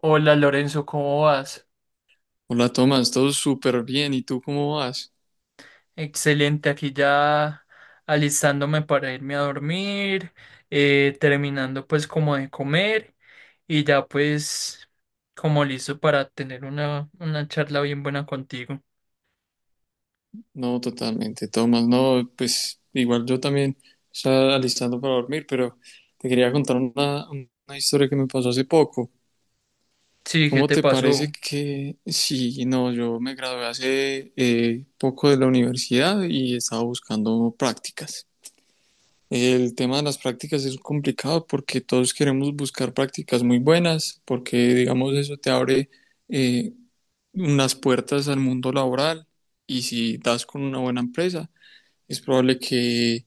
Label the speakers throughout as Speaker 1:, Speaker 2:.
Speaker 1: Hola Lorenzo, ¿cómo vas?
Speaker 2: Hola Tomás, todo súper bien. ¿Y tú cómo vas?
Speaker 1: Excelente, aquí ya alistándome para irme a dormir, terminando pues como de comer y ya pues como listo para tener una charla bien buena contigo.
Speaker 2: No, totalmente, Tomás. No, pues igual yo también estaba alistando para dormir, pero te quería contar una historia que me pasó hace poco.
Speaker 1: Sí, ¿qué
Speaker 2: ¿Cómo
Speaker 1: te
Speaker 2: te parece
Speaker 1: pasó?
Speaker 2: que sí? No, yo me gradué hace poco de la universidad y estaba buscando prácticas. El tema de las prácticas es complicado porque todos queremos buscar prácticas muy buenas, porque digamos eso te abre... eh, unas puertas al mundo laboral y si das con una buena empresa, es probable que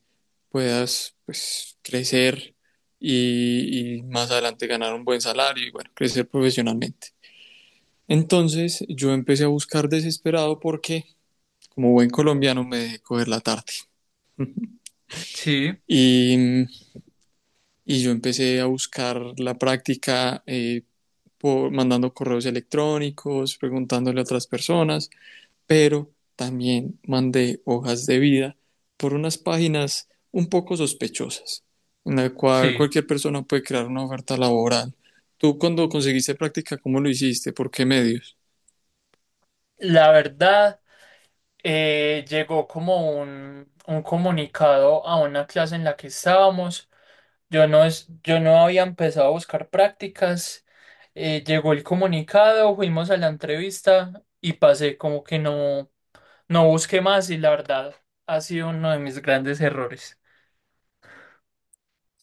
Speaker 2: puedas, pues, crecer y más adelante ganar un buen salario y, bueno, crecer profesionalmente. Entonces yo empecé a buscar desesperado porque, como buen colombiano, me dejé coger la tarde
Speaker 1: Sí,
Speaker 2: y, y yo empecé a buscar la práctica por, mandando correos electrónicos, preguntándole a otras personas, pero también mandé hojas de vida por unas páginas un poco sospechosas, en la cual
Speaker 1: sí.
Speaker 2: cualquier persona puede crear una oferta laboral. Tú, cuando conseguiste práctica, ¿cómo lo hiciste? ¿Por qué medio?
Speaker 1: La verdad, llegó como un comunicado a una clase en la que estábamos. Yo no había empezado a buscar prácticas. Llegó el comunicado, fuimos a la entrevista y pasé como que no, no busqué más y la verdad ha sido uno de mis grandes errores.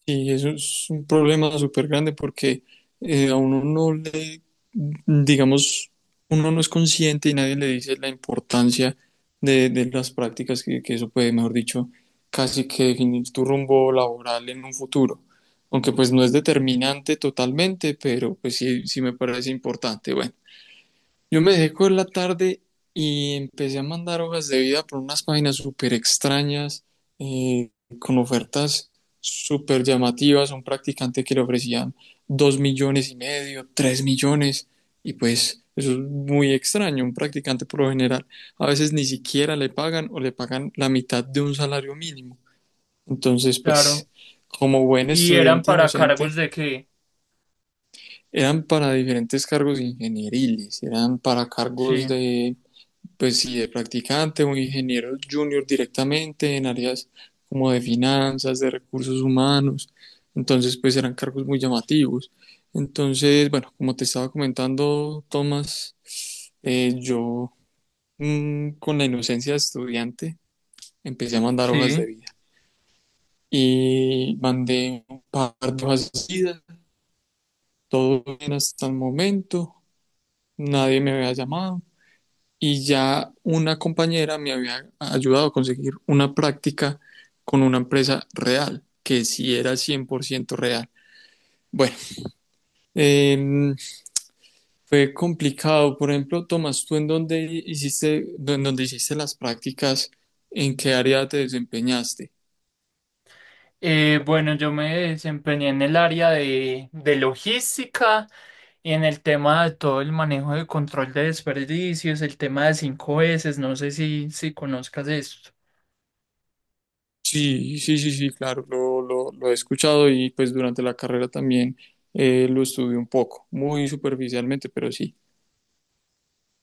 Speaker 2: Y eso es un problema súper grande porque a uno no le, digamos, uno no es consciente y nadie le dice la importancia de las prácticas, que eso puede, mejor dicho, casi que definir tu rumbo laboral en un futuro. Aunque, pues, no es determinante totalmente, pero pues sí, sí me parece importante. Bueno. Yo me dejé coger la tarde y empecé a mandar hojas de vida por unas páginas súper extrañas, eh, con ofertas súper llamativas. Un practicante que le ofrecían 2,5 millones, 3 millones, y pues eso es muy extraño. Un practicante, por lo general, a veces ni siquiera le pagan o le pagan la mitad de un salario mínimo. Entonces,
Speaker 1: Claro.
Speaker 2: pues, como buen
Speaker 1: Y eran
Speaker 2: estudiante
Speaker 1: para cargos
Speaker 2: inocente,
Speaker 1: de que,
Speaker 2: eran para diferentes cargos ingenieriles, eran para cargos
Speaker 1: sí,
Speaker 2: de, pues sí, de practicante o ingeniero junior directamente en áreas como de finanzas, de recursos humanos. Entonces, pues, eran cargos muy llamativos. Entonces, bueno, como te estaba comentando, Tomás, yo, con la inocencia de estudiante, empecé a mandar hojas de
Speaker 1: sí.
Speaker 2: vida y mandé un par de hojas de vida, todo bien hasta el momento, nadie me había llamado y ya una compañera me había ayudado a conseguir una práctica con una empresa real, que sí era 100% real. Bueno, em, fue complicado. Por ejemplo, Tomás, ¿tú en dónde hiciste las prácticas? ¿En qué área te desempeñaste?
Speaker 1: Bueno, yo me desempeñé en el área de logística y en el tema de todo el manejo de control de desperdicios, el tema de 5S, no sé si, si conozcas eso.
Speaker 2: Sí, sí, sí, sí, claro, lo he escuchado y, pues, durante la carrera también lo estudié un poco, muy superficialmente, pero sí,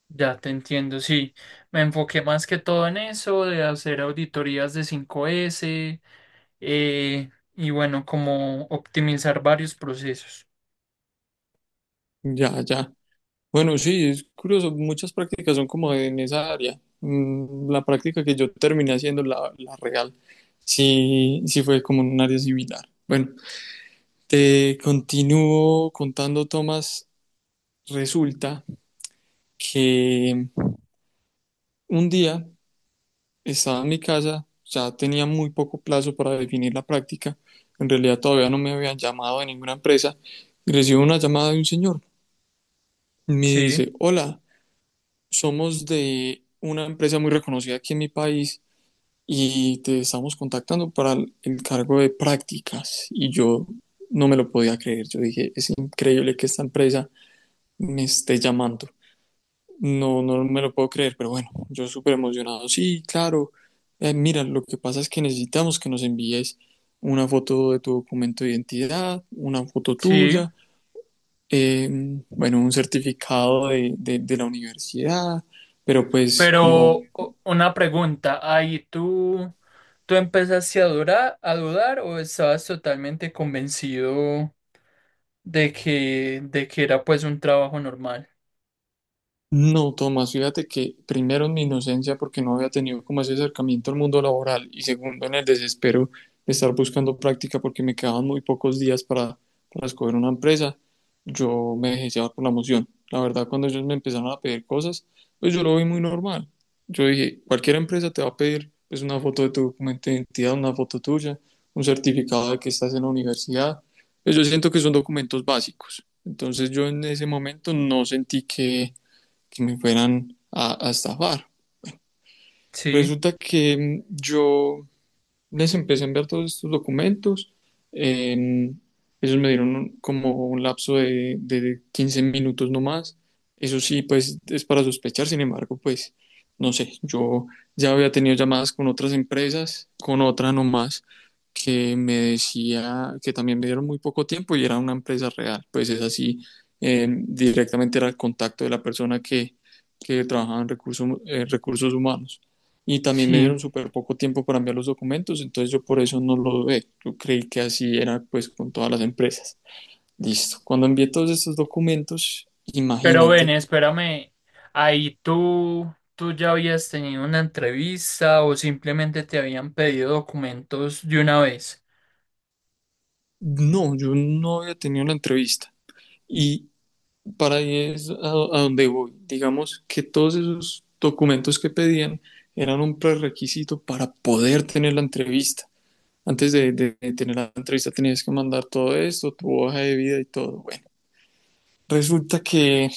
Speaker 1: Ya te entiendo, sí. Me enfoqué más que todo en eso, de hacer auditorías de 5S, y bueno, como optimizar varios procesos.
Speaker 2: ya, ya. Bueno, sí, es curioso, muchas prácticas son como en esa área. La práctica que yo terminé haciendo, la real, sí, sí fue como en un área similar. Bueno, te continúo contando, Tomás. Resulta que un día estaba en mi casa, ya tenía muy poco plazo para definir la práctica. En realidad, todavía no me habían llamado de ninguna empresa. Y recibo una llamada de un señor. Me
Speaker 1: Sí,
Speaker 2: dice, hola, somos de una empresa muy reconocida aquí en mi país y te estamos contactando para el cargo de prácticas. Y yo no me lo podía creer. Yo dije, es increíble que esta empresa me esté llamando. No, no me lo puedo creer, pero bueno, yo súper emocionado. Sí, claro. Mira, lo que pasa es que necesitamos que nos envíes una foto de tu documento de identidad, una foto
Speaker 1: sí.
Speaker 2: tuya, eh, bueno, un certificado de la universidad, pero pues como...
Speaker 1: Pero o- una pregunta, ahí tú, ¿tú empezaste a dudar, a dudar, o estabas totalmente convencido de que era pues un trabajo normal?
Speaker 2: No, Tomás, fíjate que primero en mi inocencia, porque no había tenido como ese acercamiento al mundo laboral, y segundo en el desespero de estar buscando práctica porque me quedaban muy pocos días para escoger una empresa, yo me dejé llevar por la emoción. La verdad, cuando ellos me empezaron a pedir cosas, pues yo lo vi muy normal. Yo dije, cualquier empresa te va a pedir, pues, una foto de tu documento de identidad, una foto tuya, un certificado de que estás en la universidad. Pues yo siento que son documentos básicos. Entonces yo en ese momento no sentí que me fueran a estafar.
Speaker 1: Sí,
Speaker 2: Resulta que yo les empecé a enviar todos estos documentos. eh, Ellos me dieron como un lapso de 15 minutos, no más. Eso sí, pues es para sospechar. Sin embargo, pues no sé, yo ya había tenido llamadas con otras empresas, con otra nomás, que me decía, que también me dieron muy poco tiempo y era una empresa real. Pues es así, directamente era el contacto de la persona que trabajaba en recursos, recursos humanos, y también me
Speaker 1: sí.
Speaker 2: dieron súper poco tiempo para enviar los documentos, entonces yo por eso no lo dudé. Yo creí que así era, pues, con todas las empresas. Listo. Cuando envié todos estos documentos,
Speaker 1: Pero ven,
Speaker 2: imagínate,
Speaker 1: espérame, ahí tú, ¿tú ya habías tenido una entrevista o simplemente te habían pedido documentos de una vez?
Speaker 2: no, yo no había tenido la entrevista. Y para ahí es a donde voy. Digamos que todos esos documentos que pedían eran un prerequisito para poder tener la entrevista. Antes de tener la entrevista tenías que mandar todo esto, tu hoja de vida y todo. Bueno, resulta que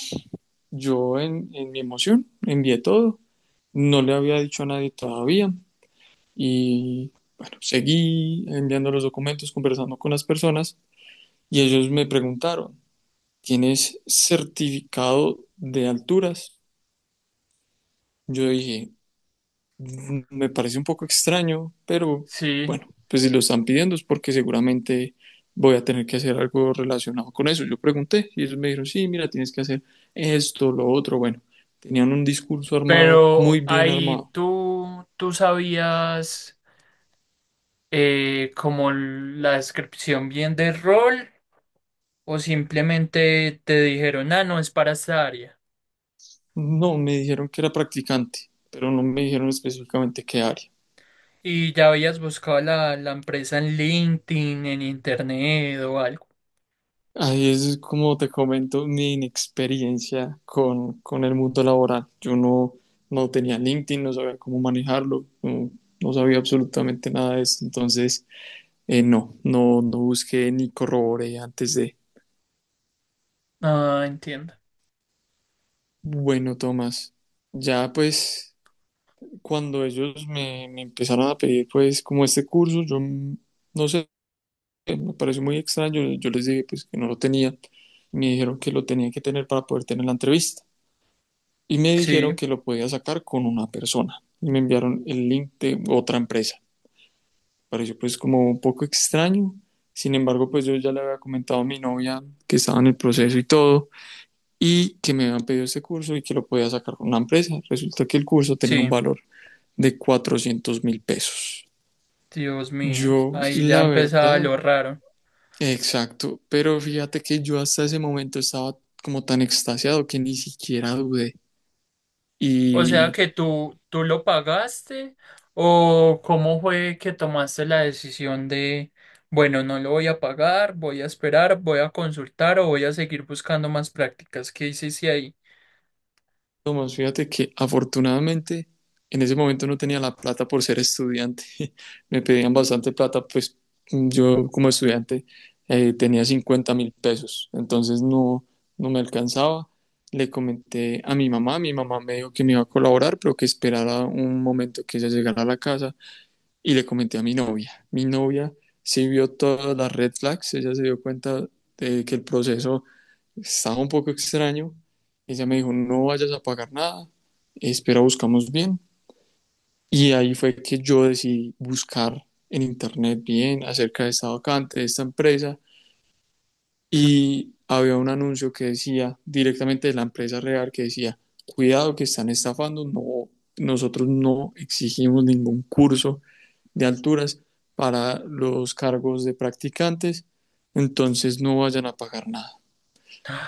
Speaker 2: yo, en mi emoción, envié todo, no le había dicho a nadie todavía y, bueno, seguí enviando los documentos, conversando con las personas, y ellos me preguntaron, ¿tienes certificado de alturas? Yo dije, me parece un poco extraño, pero
Speaker 1: Sí,
Speaker 2: bueno, pues si lo están pidiendo es porque seguramente voy a tener que hacer algo relacionado con eso. Yo pregunté y ellos me dijeron, sí, mira, tienes que hacer esto, lo otro. Bueno, tenían un discurso armado, muy
Speaker 1: pero
Speaker 2: bien
Speaker 1: ahí
Speaker 2: armado.
Speaker 1: tú, tú sabías, como la descripción bien del rol, o simplemente te dijeron, ah, no, es para esta área.
Speaker 2: No, me dijeron que era practicante, pero no me dijeron específicamente qué área.
Speaker 1: ¿Y ya habías buscado la empresa en LinkedIn, en internet o algo?
Speaker 2: Ahí es como te comento mi inexperiencia con el mundo laboral. Yo no tenía LinkedIn, no sabía cómo manejarlo, no sabía absolutamente nada de eso. Entonces, no busqué ni corroboré antes de.
Speaker 1: Ah, entiendo.
Speaker 2: Bueno, Tomás, ya pues cuando ellos me empezaron a pedir, pues, como este curso, yo, no sé, me pareció muy extraño. Yo les dije pues que no lo tenía. Me dijeron que lo tenía que tener para poder tener la entrevista. Y me dijeron
Speaker 1: Sí,
Speaker 2: que lo podía sacar con una persona y me enviaron el link de otra empresa. Pareció pues como un poco extraño, sin embargo pues yo ya le había comentado a mi novia que estaba en el proceso y todo, y que me habían pedido este curso y que lo podía sacar con una empresa. Resulta que el curso tenía un
Speaker 1: sí.
Speaker 2: valor de 400.000 pesos.
Speaker 1: Dios mío,
Speaker 2: Yo,
Speaker 1: ahí ya
Speaker 2: la
Speaker 1: empezaba
Speaker 2: verdad,
Speaker 1: lo raro.
Speaker 2: exacto, pero fíjate que yo hasta ese momento estaba como tan extasiado que ni siquiera dudé.
Speaker 1: O sea
Speaker 2: Y
Speaker 1: que tú, ¿tú lo pagaste o cómo fue que tomaste la decisión de, bueno, no lo voy a pagar, voy a esperar, voy a consultar o voy a seguir buscando más prácticas? ¿Qué hiciste ahí?
Speaker 2: Tomás, fíjate que afortunadamente en ese momento no tenía la plata por ser estudiante. Me pedían bastante plata, pues, yo como estudiante tenía 50.000 pesos, entonces no me alcanzaba. Le comenté a mi mamá me dijo que me iba a colaborar, pero que esperara un momento, que ella llegara a la casa. Y le comenté a mi novia. Mi novia sí vio todas las red flags, ella se dio cuenta de que el proceso estaba un poco extraño. Ella me dijo, no vayas a pagar nada, espera, buscamos bien. Y ahí fue que yo decidí buscar en internet bien acerca de esta vacante, de esta empresa. Y había un anuncio que decía directamente de la empresa real, que decía, cuidado que están estafando, no, nosotros no exigimos ningún curso de alturas para los cargos de practicantes, entonces no vayan a pagar nada.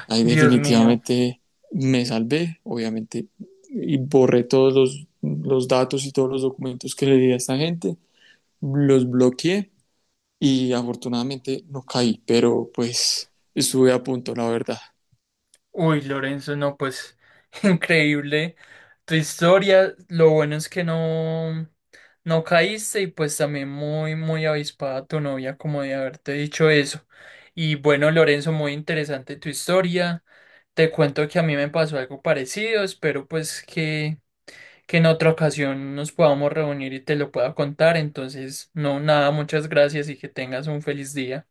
Speaker 2: Ahí
Speaker 1: Dios mío.
Speaker 2: definitivamente me salvé, obviamente, y borré todos los datos y todos los documentos que le di a esta gente, los bloqueé, y afortunadamente no caí, pero pues estuve a punto, la verdad.
Speaker 1: Uy, Lorenzo, no, pues increíble tu historia. Lo bueno es que no, no caíste, y pues también muy, muy avispada tu novia como de haberte dicho eso. Y bueno, Lorenzo, muy interesante tu historia. Te cuento que a mí me pasó algo parecido. Espero pues que en otra ocasión nos podamos reunir y te lo pueda contar. Entonces, no, nada, muchas gracias y que tengas un feliz día.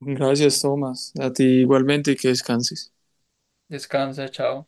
Speaker 2: Gracias, Tomás. A ti igualmente y que descanses.
Speaker 1: Descansa, chao.